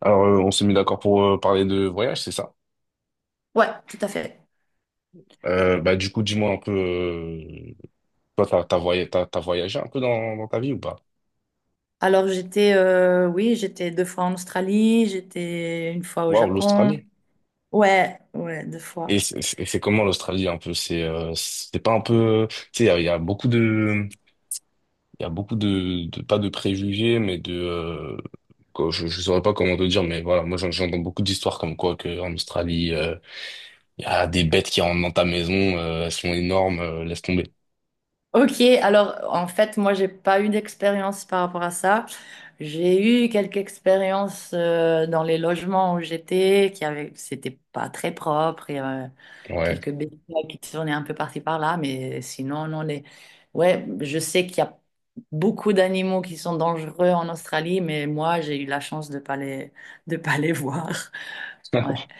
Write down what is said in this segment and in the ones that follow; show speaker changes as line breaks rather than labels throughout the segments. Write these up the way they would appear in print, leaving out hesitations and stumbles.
Alors, on s'est mis d'accord pour parler de voyage, c'est ça?
Ouais, tout à fait.
Bah, du coup, dis-moi un peu, toi, t'as voyagé, t'as voyagé un peu dans ta vie ou pas?
Alors j'étais, oui, j'étais 2 fois en Australie, j'étais 1 fois au
Waouh,
Japon.
l'Australie.
Ouais, ouais, deux
Et
fois.
c'est comment l'Australie un peu? C'est pas un peu, tu sais, il y a beaucoup de, il y a beaucoup de- pas de préjugés, mais de, quoi, je saurais pas comment te dire, mais voilà, moi j'entends beaucoup d'histoires comme quoi que en Australie, il y a des bêtes qui rentrent dans ta maison, elles sont énormes, laisse tomber.
Ok, alors en fait, moi, j'ai pas eu d'expérience par rapport à ça. J'ai eu quelques expériences dans les logements où j'étais, qui avaient, c'était pas très propre.
Ouais.
Quelques bétails qui tournaient un peu par-ci par-là, mais sinon, non, les... Ouais, je sais qu'il y a beaucoup d'animaux qui sont dangereux en Australie, mais moi, j'ai eu la chance de pas les voir. Ouais.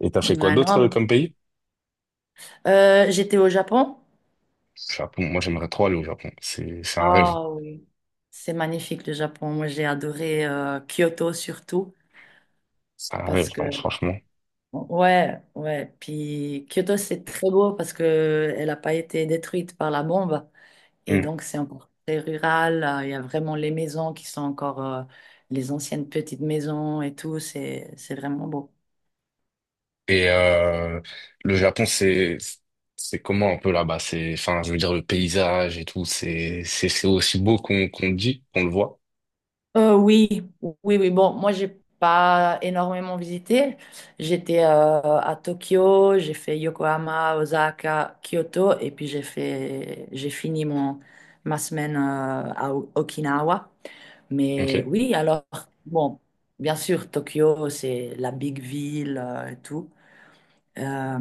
Et t'as fait quoi
Ouais,
d'autre
non.
comme pays?
J'étais au Japon.
Japon, moi j'aimerais trop aller au Japon. C'est un rêve.
Ah oui. C'est magnifique le Japon. Moi, j'ai adoré Kyoto surtout
C'est un rêve,
parce
vraiment,
que
franchement.
ouais, ouais. Puis Kyoto, c'est très beau parce que elle n'a pas été détruite par la bombe. Et
Mm.
donc, c'est encore très rural. Il y a vraiment les maisons qui sont encore les anciennes petites maisons et tout. C'est vraiment beau.
Et Le Japon, c'est comment un peu là-bas? C'est, enfin, je veux dire, le paysage et tout, c'est aussi beau qu'on le dit, qu'on le voit.
Euh, oui, oui, oui. Bon, moi, j'ai pas énormément visité. J'étais à Tokyo, j'ai fait Yokohama, Osaka, Kyoto, et puis j'ai fini ma semaine à Okinawa. Mais
Ok.
oui, alors, bon, bien sûr, Tokyo, c'est la big ville et tout. Euh,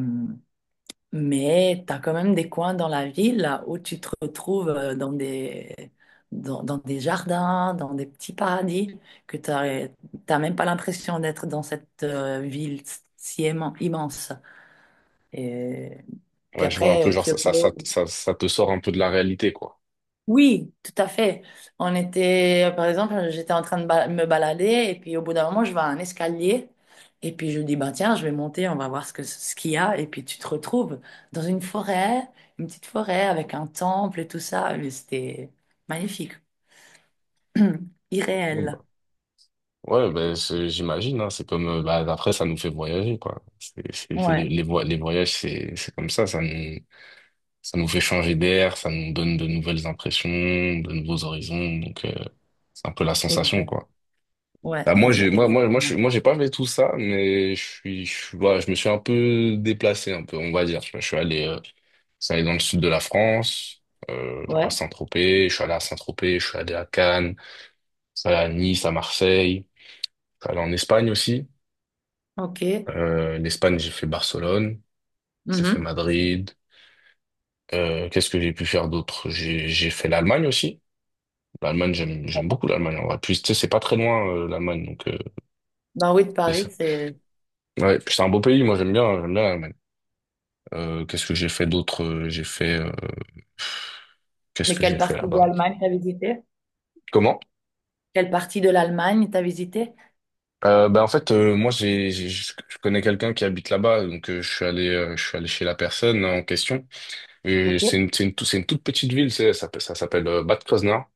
Mais tu as quand même des coins dans la ville là, où tu te retrouves dans des, dans des jardins, dans des petits paradis, que tu n'as même pas l'impression d'être dans cette ville si aimant- immense. Et puis
Ouais, je vois un peu,
après,
genre, ça, ça, ça,
Kyoto.
ça, ça te sort un peu de la réalité, quoi.
Oui, tout à fait. On était, par exemple, j'étais en train de me balader et puis au bout d'un moment, je vois un escalier et puis je dis, bah tiens, je vais monter, on va voir ce qu'il y a. Et puis tu te retrouves dans une forêt, une petite forêt avec un temple et tout ça. Mais c'était magnifique, irréel.
Bon, bah. Ouais, ben, j'imagine, hein, c'est comme, bah, après, ça nous fait voyager, quoi.
Ouais,
Les voyages, c'est comme ça nous, ça nous fait changer d'air, ça nous donne de nouvelles impressions, de nouveaux horizons. Donc, c'est un peu la sensation,
exact.
quoi.
Ouais,
Bah, moi, j'ai, moi, moi, moi,
exactement.
moi, j'ai pas fait tout ça, mais voilà, je me suis un peu déplacé, un peu, on va dire. Tu vois, je suis allé dans le sud de la France, genre à
Ouais,
Saint-Tropez. Je suis allé à Saint-Tropez, je suis allé à Cannes, je suis allé à Nice, à Marseille. Je suis allé en Espagne aussi.
ok.
L'Espagne, j'ai fait Barcelone, j'ai fait
Mhm.
Madrid. Qu'est-ce que j'ai pu faire d'autre? J'ai fait l'Allemagne aussi. L'Allemagne, j'aime beaucoup l'Allemagne en vrai. Puis, tu sais, c'est pas très loin, l'Allemagne, donc
Ben oui, de
c'est ça.
Paris, c'est.
Ouais, puis c'est un beau pays, moi j'aime bien l'Allemagne. Qu'est-ce que j'ai fait d'autre? Qu'est-ce
Mais
que j'ai fait là-bas? Comment?
Quelle partie de l'Allemagne t'as visité?
Bah en fait moi je connais quelqu'un qui habite là-bas donc je suis allé chez la personne en question et c'est
Ok.
une c'est une, tout- c'est une toute petite ville c'est ça, ça s'appelle Bad Kreuznach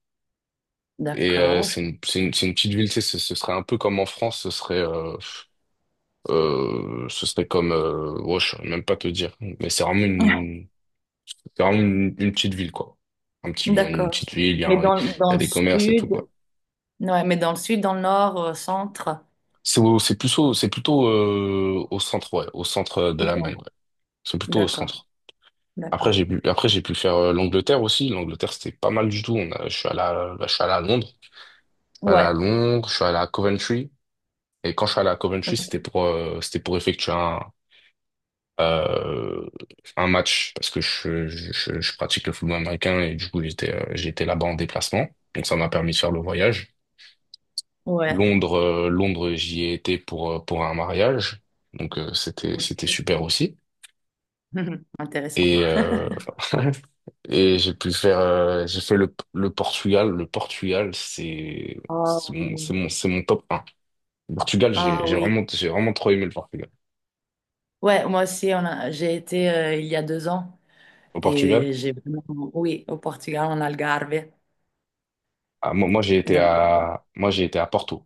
et
D'accord.
c'est une petite ville tu sais ce serait un peu comme en France ce serait comme, ouais, je saurais même pas te dire, mais c'est vraiment une petite ville, quoi. Une
D'accord.
petite ville, il y
Mais
a, il y
dans
a
le
des commerces et tout, quoi.
sud, ouais, mais dans le sud, dans le nord, au centre,
C'est plutôt, au centre, ouais, au centre de
autant.
l'Allemagne, ouais. C'est plutôt au
D'accord,
centre. Après, j'ai
d'accord.
pu, après, j'ai pu faire l'Angleterre aussi. L'Angleterre, c'était pas mal du tout. On a, je suis allé à, je suis allé à Londres. Je suis allé
Ouais,
à Londres, je suis allé à Coventry. Et quand je suis allé à Coventry,
ok,
c'était pour effectuer euh, un match parce que je pratique le football américain et du coup j'étais là-bas en déplacement. Donc ça m'a permis de faire le voyage.
ouais,
Londres, j'y ai été pour un mariage. Donc c'était
ok.
super aussi.
Intéressant.
Et et j'ai pu faire j'ai fait le Portugal. Le Portugal c'est
Ah
c'est mon c'est
oui.
mon c'est mon top un. Le Portugal j'ai
Ah
j'ai
oui.
vraiment j'ai vraiment trop aimé le Portugal.
Ouais, moi aussi, j'ai été il y a 2 ans
Au Portugal,
et j'ai vraiment, oui, au Portugal, en Algarve,
ah,
donc
moi j'ai été à Porto.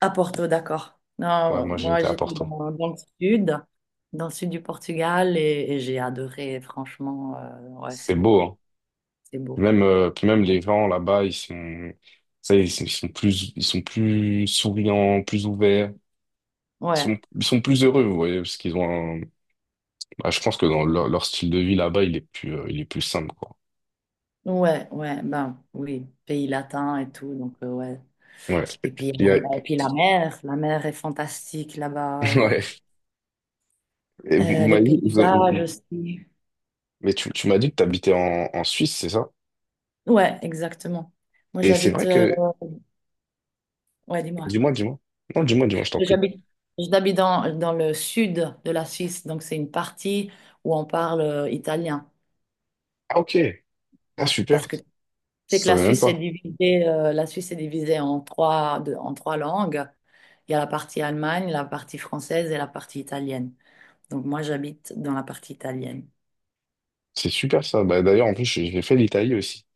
à Porto, d'accord.
Ouais,
Non,
moi j'ai
moi
été à
j'étais
Porto.
dans, dans le sud du Portugal et j'ai adoré, franchement, ouais,
C'est
c'est beau,
beau, hein.
c'est beau.
Même, puis même les gens là-bas, ils sont plus souriants, plus ouverts. Ils
Ouais,
sont, ils sont plus heureux, vous voyez, parce qu'ils ont un- ah, je pense que dans leur style de vie là-bas, il est plus simple, quoi.
ouais, ben oui, pays latin et tout, donc ouais.
Ouais. Il y a-
Et puis la mer est fantastique là-bas,
ouais. Et vous, vous
les
m'avez dit,
paysages aussi.
mais tu m'as dit que t'habitais en Suisse, c'est ça?
Ouais, exactement. Moi
Et c'est
j'habite,
vrai que,
ouais, dis-moi,
dis-moi, dis-moi. Non, dis-moi, dis-moi, je t'en prie.
j'habite, j'habite dans, dans le sud de la Suisse, donc c'est une partie où on parle italien.
Ah, ok. Ah,
Là, parce
super.
que c'est que
Ça
la
savais même
Suisse est
pas.
divisée, la Suisse est divisée en 3, en 3 langues. Il y a la partie Allemagne, la partie française et la partie italienne. Donc moi, j'habite dans la partie italienne.
C'est super, ça. Bah, d'ailleurs, en plus, j'ai fait l'Italie aussi.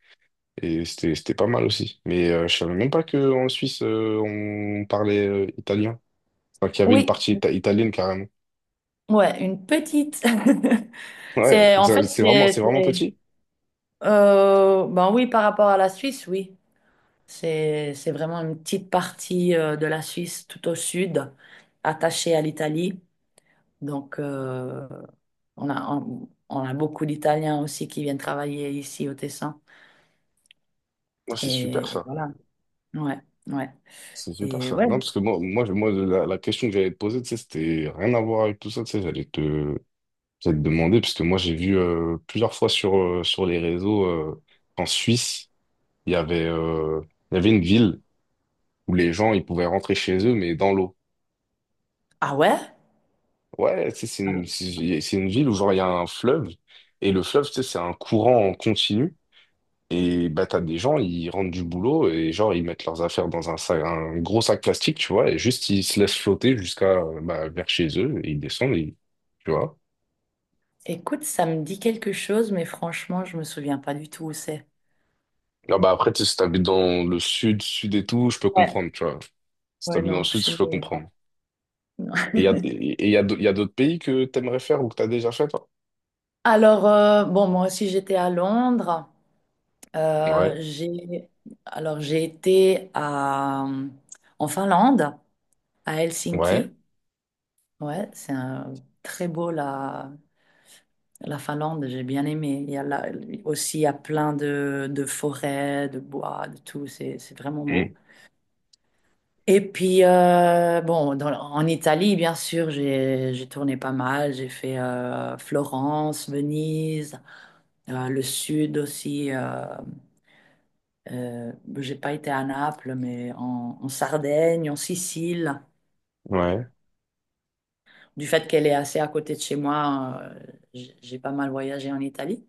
Et c'était pas mal aussi. Mais je savais même pas qu'en Suisse, on parlait italien. Enfin, qu'il y avait une
Oui,
partie italienne carrément.
ouais, une petite.
Ouais,
C'est en fait,
c'est vraiment,
c'est,
c'est vraiment
c'est-
petit.
ben oui, par rapport à la Suisse, oui, c'est vraiment une petite partie de la Suisse tout au sud, attachée à l'Italie. Donc on a beaucoup d'Italiens aussi qui viennent travailler ici au Tessin.
Moi, c'est super
Et
ça.
voilà, ouais, ouais,
C'est super
et
ça.
ouais.
Non, parce que moi la question que j'allais te poser, tu sais, c'était rien à voir avec tout ça. Tu sais, j'allais te demander, parce que moi, j'ai vu plusieurs fois sur les réseaux en Suisse, il y avait, euh, il y avait une ville où les gens, ils pouvaient rentrer chez eux, mais dans l'eau.
Ah ouais?
Ouais, tu sais, c'est une ville où genre il y a un fleuve et le fleuve, tu sais, c'est un courant en continu et bah t'as des gens, ils rentrent du boulot et genre ils mettent leurs affaires dans un sac, un gros sac plastique, tu vois, et juste ils se laissent flotter jusqu'à bah, vers chez eux et ils descendent, et, tu vois.
Écoute, ça me dit quelque chose, mais franchement, je me souviens pas du tout où c'est.
Ah bah après, tu sais, si t'habites dans le sud, sud et tout, je peux
Ouais.
comprendre, tu vois. Si
Ouais,
t'habites dans le
non,
sud,
chez
je
nous,
peux
il n'y a
comprendre.
pas. Non.
Et il y a, et il y a, d'au- il y a d'autres pays que t'aimerais faire ou que t'as déjà fait, toi?
Alors, bon, moi aussi, j'étais à Londres.
Ouais,
J'ai, alors, j'ai été à, en Finlande, à
ouais,
Helsinki. Ouais, très beau, la, la Finlande, j'ai bien aimé. Il y a là, aussi, il y a plein de forêts, de bois, de tout. C'est vraiment
hmm,
beau. Et puis, bon, en Italie, bien sûr, j'ai tourné pas mal. J'ai fait Florence, Venise, le sud aussi. Euh, j'ai pas été à Naples, mais en, en Sardaigne, en Sicile.
ouais.
Du fait qu'elle est assez à côté de chez moi, j'ai pas mal voyagé en Italie.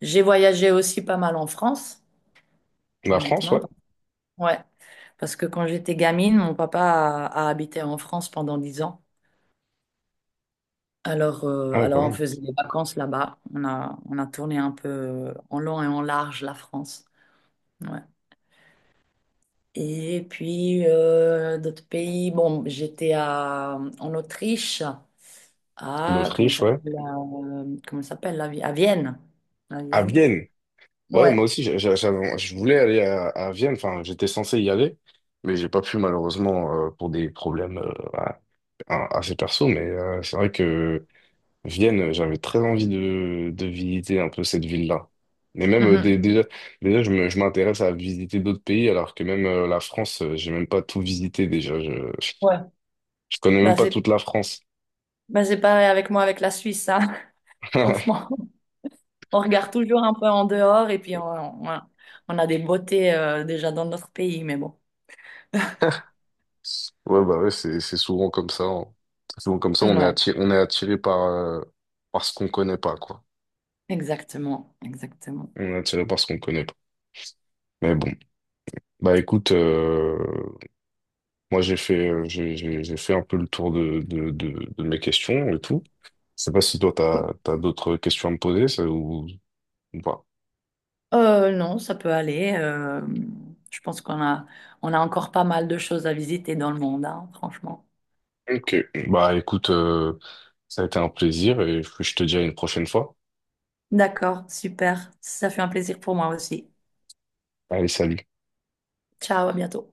J'ai voyagé aussi pas mal en France,
La France,
honnêtement.
ouais.
Ouais, parce que quand j'étais gamine, mon papa a habité en France pendant 10 ans.
Ah oui, quand
Alors, on
même.
faisait des vacances là-bas. On a tourné un peu en long et en large la France. Ouais. Et puis, d'autres pays. Bon, j'étais à, en Autriche, à, comment ça
L'Autriche, ouais.
s'appelle, la, à Vienne. À
À
Vienne.
Vienne. Ouais,
Ouais.
moi aussi, je voulais aller à Vienne. Enfin, j'étais censé y aller, mais j'ai pas pu malheureusement pour des problèmes assez perso. Mais c'est vrai que Vienne, j'avais très envie de visiter un peu cette ville-là. Mais même
Mhm.
déjà, je m'intéresse à visiter d'autres pays, alors que même la France, j'ai même pas tout visité déjà. Je, je,
Ouais.
je connais même
Bah,
pas
c'est,
toute la France.
bah, c'est pareil avec moi, avec la Suisse, hein. Franchement, on regarde toujours un peu en dehors et puis on a des beautés, déjà dans notre pays, mais bon.
Ouais, bah ouais, c'est souvent comme ça, hein. C'est souvent comme ça, on est
Ouais.
attiré, on est attiré par ce qu'on connaît pas, quoi.
Exactement, exactement.
On est attiré par ce qu'on connaît pas. Mais bon, bah écoute, moi j'ai fait un peu le tour de mes questions et tout. Je sais pas si toi t'as d'autres questions à me poser ça, ou pas.
Non, ça peut aller. Je pense qu'on a, on a encore pas mal de choses à visiter dans le monde, hein, franchement.
Ok. Bah écoute, ça a été un plaisir et je te dis à une prochaine fois.
D'accord, super. Ça fait un plaisir pour moi aussi.
Allez, salut.
Ciao, à bientôt.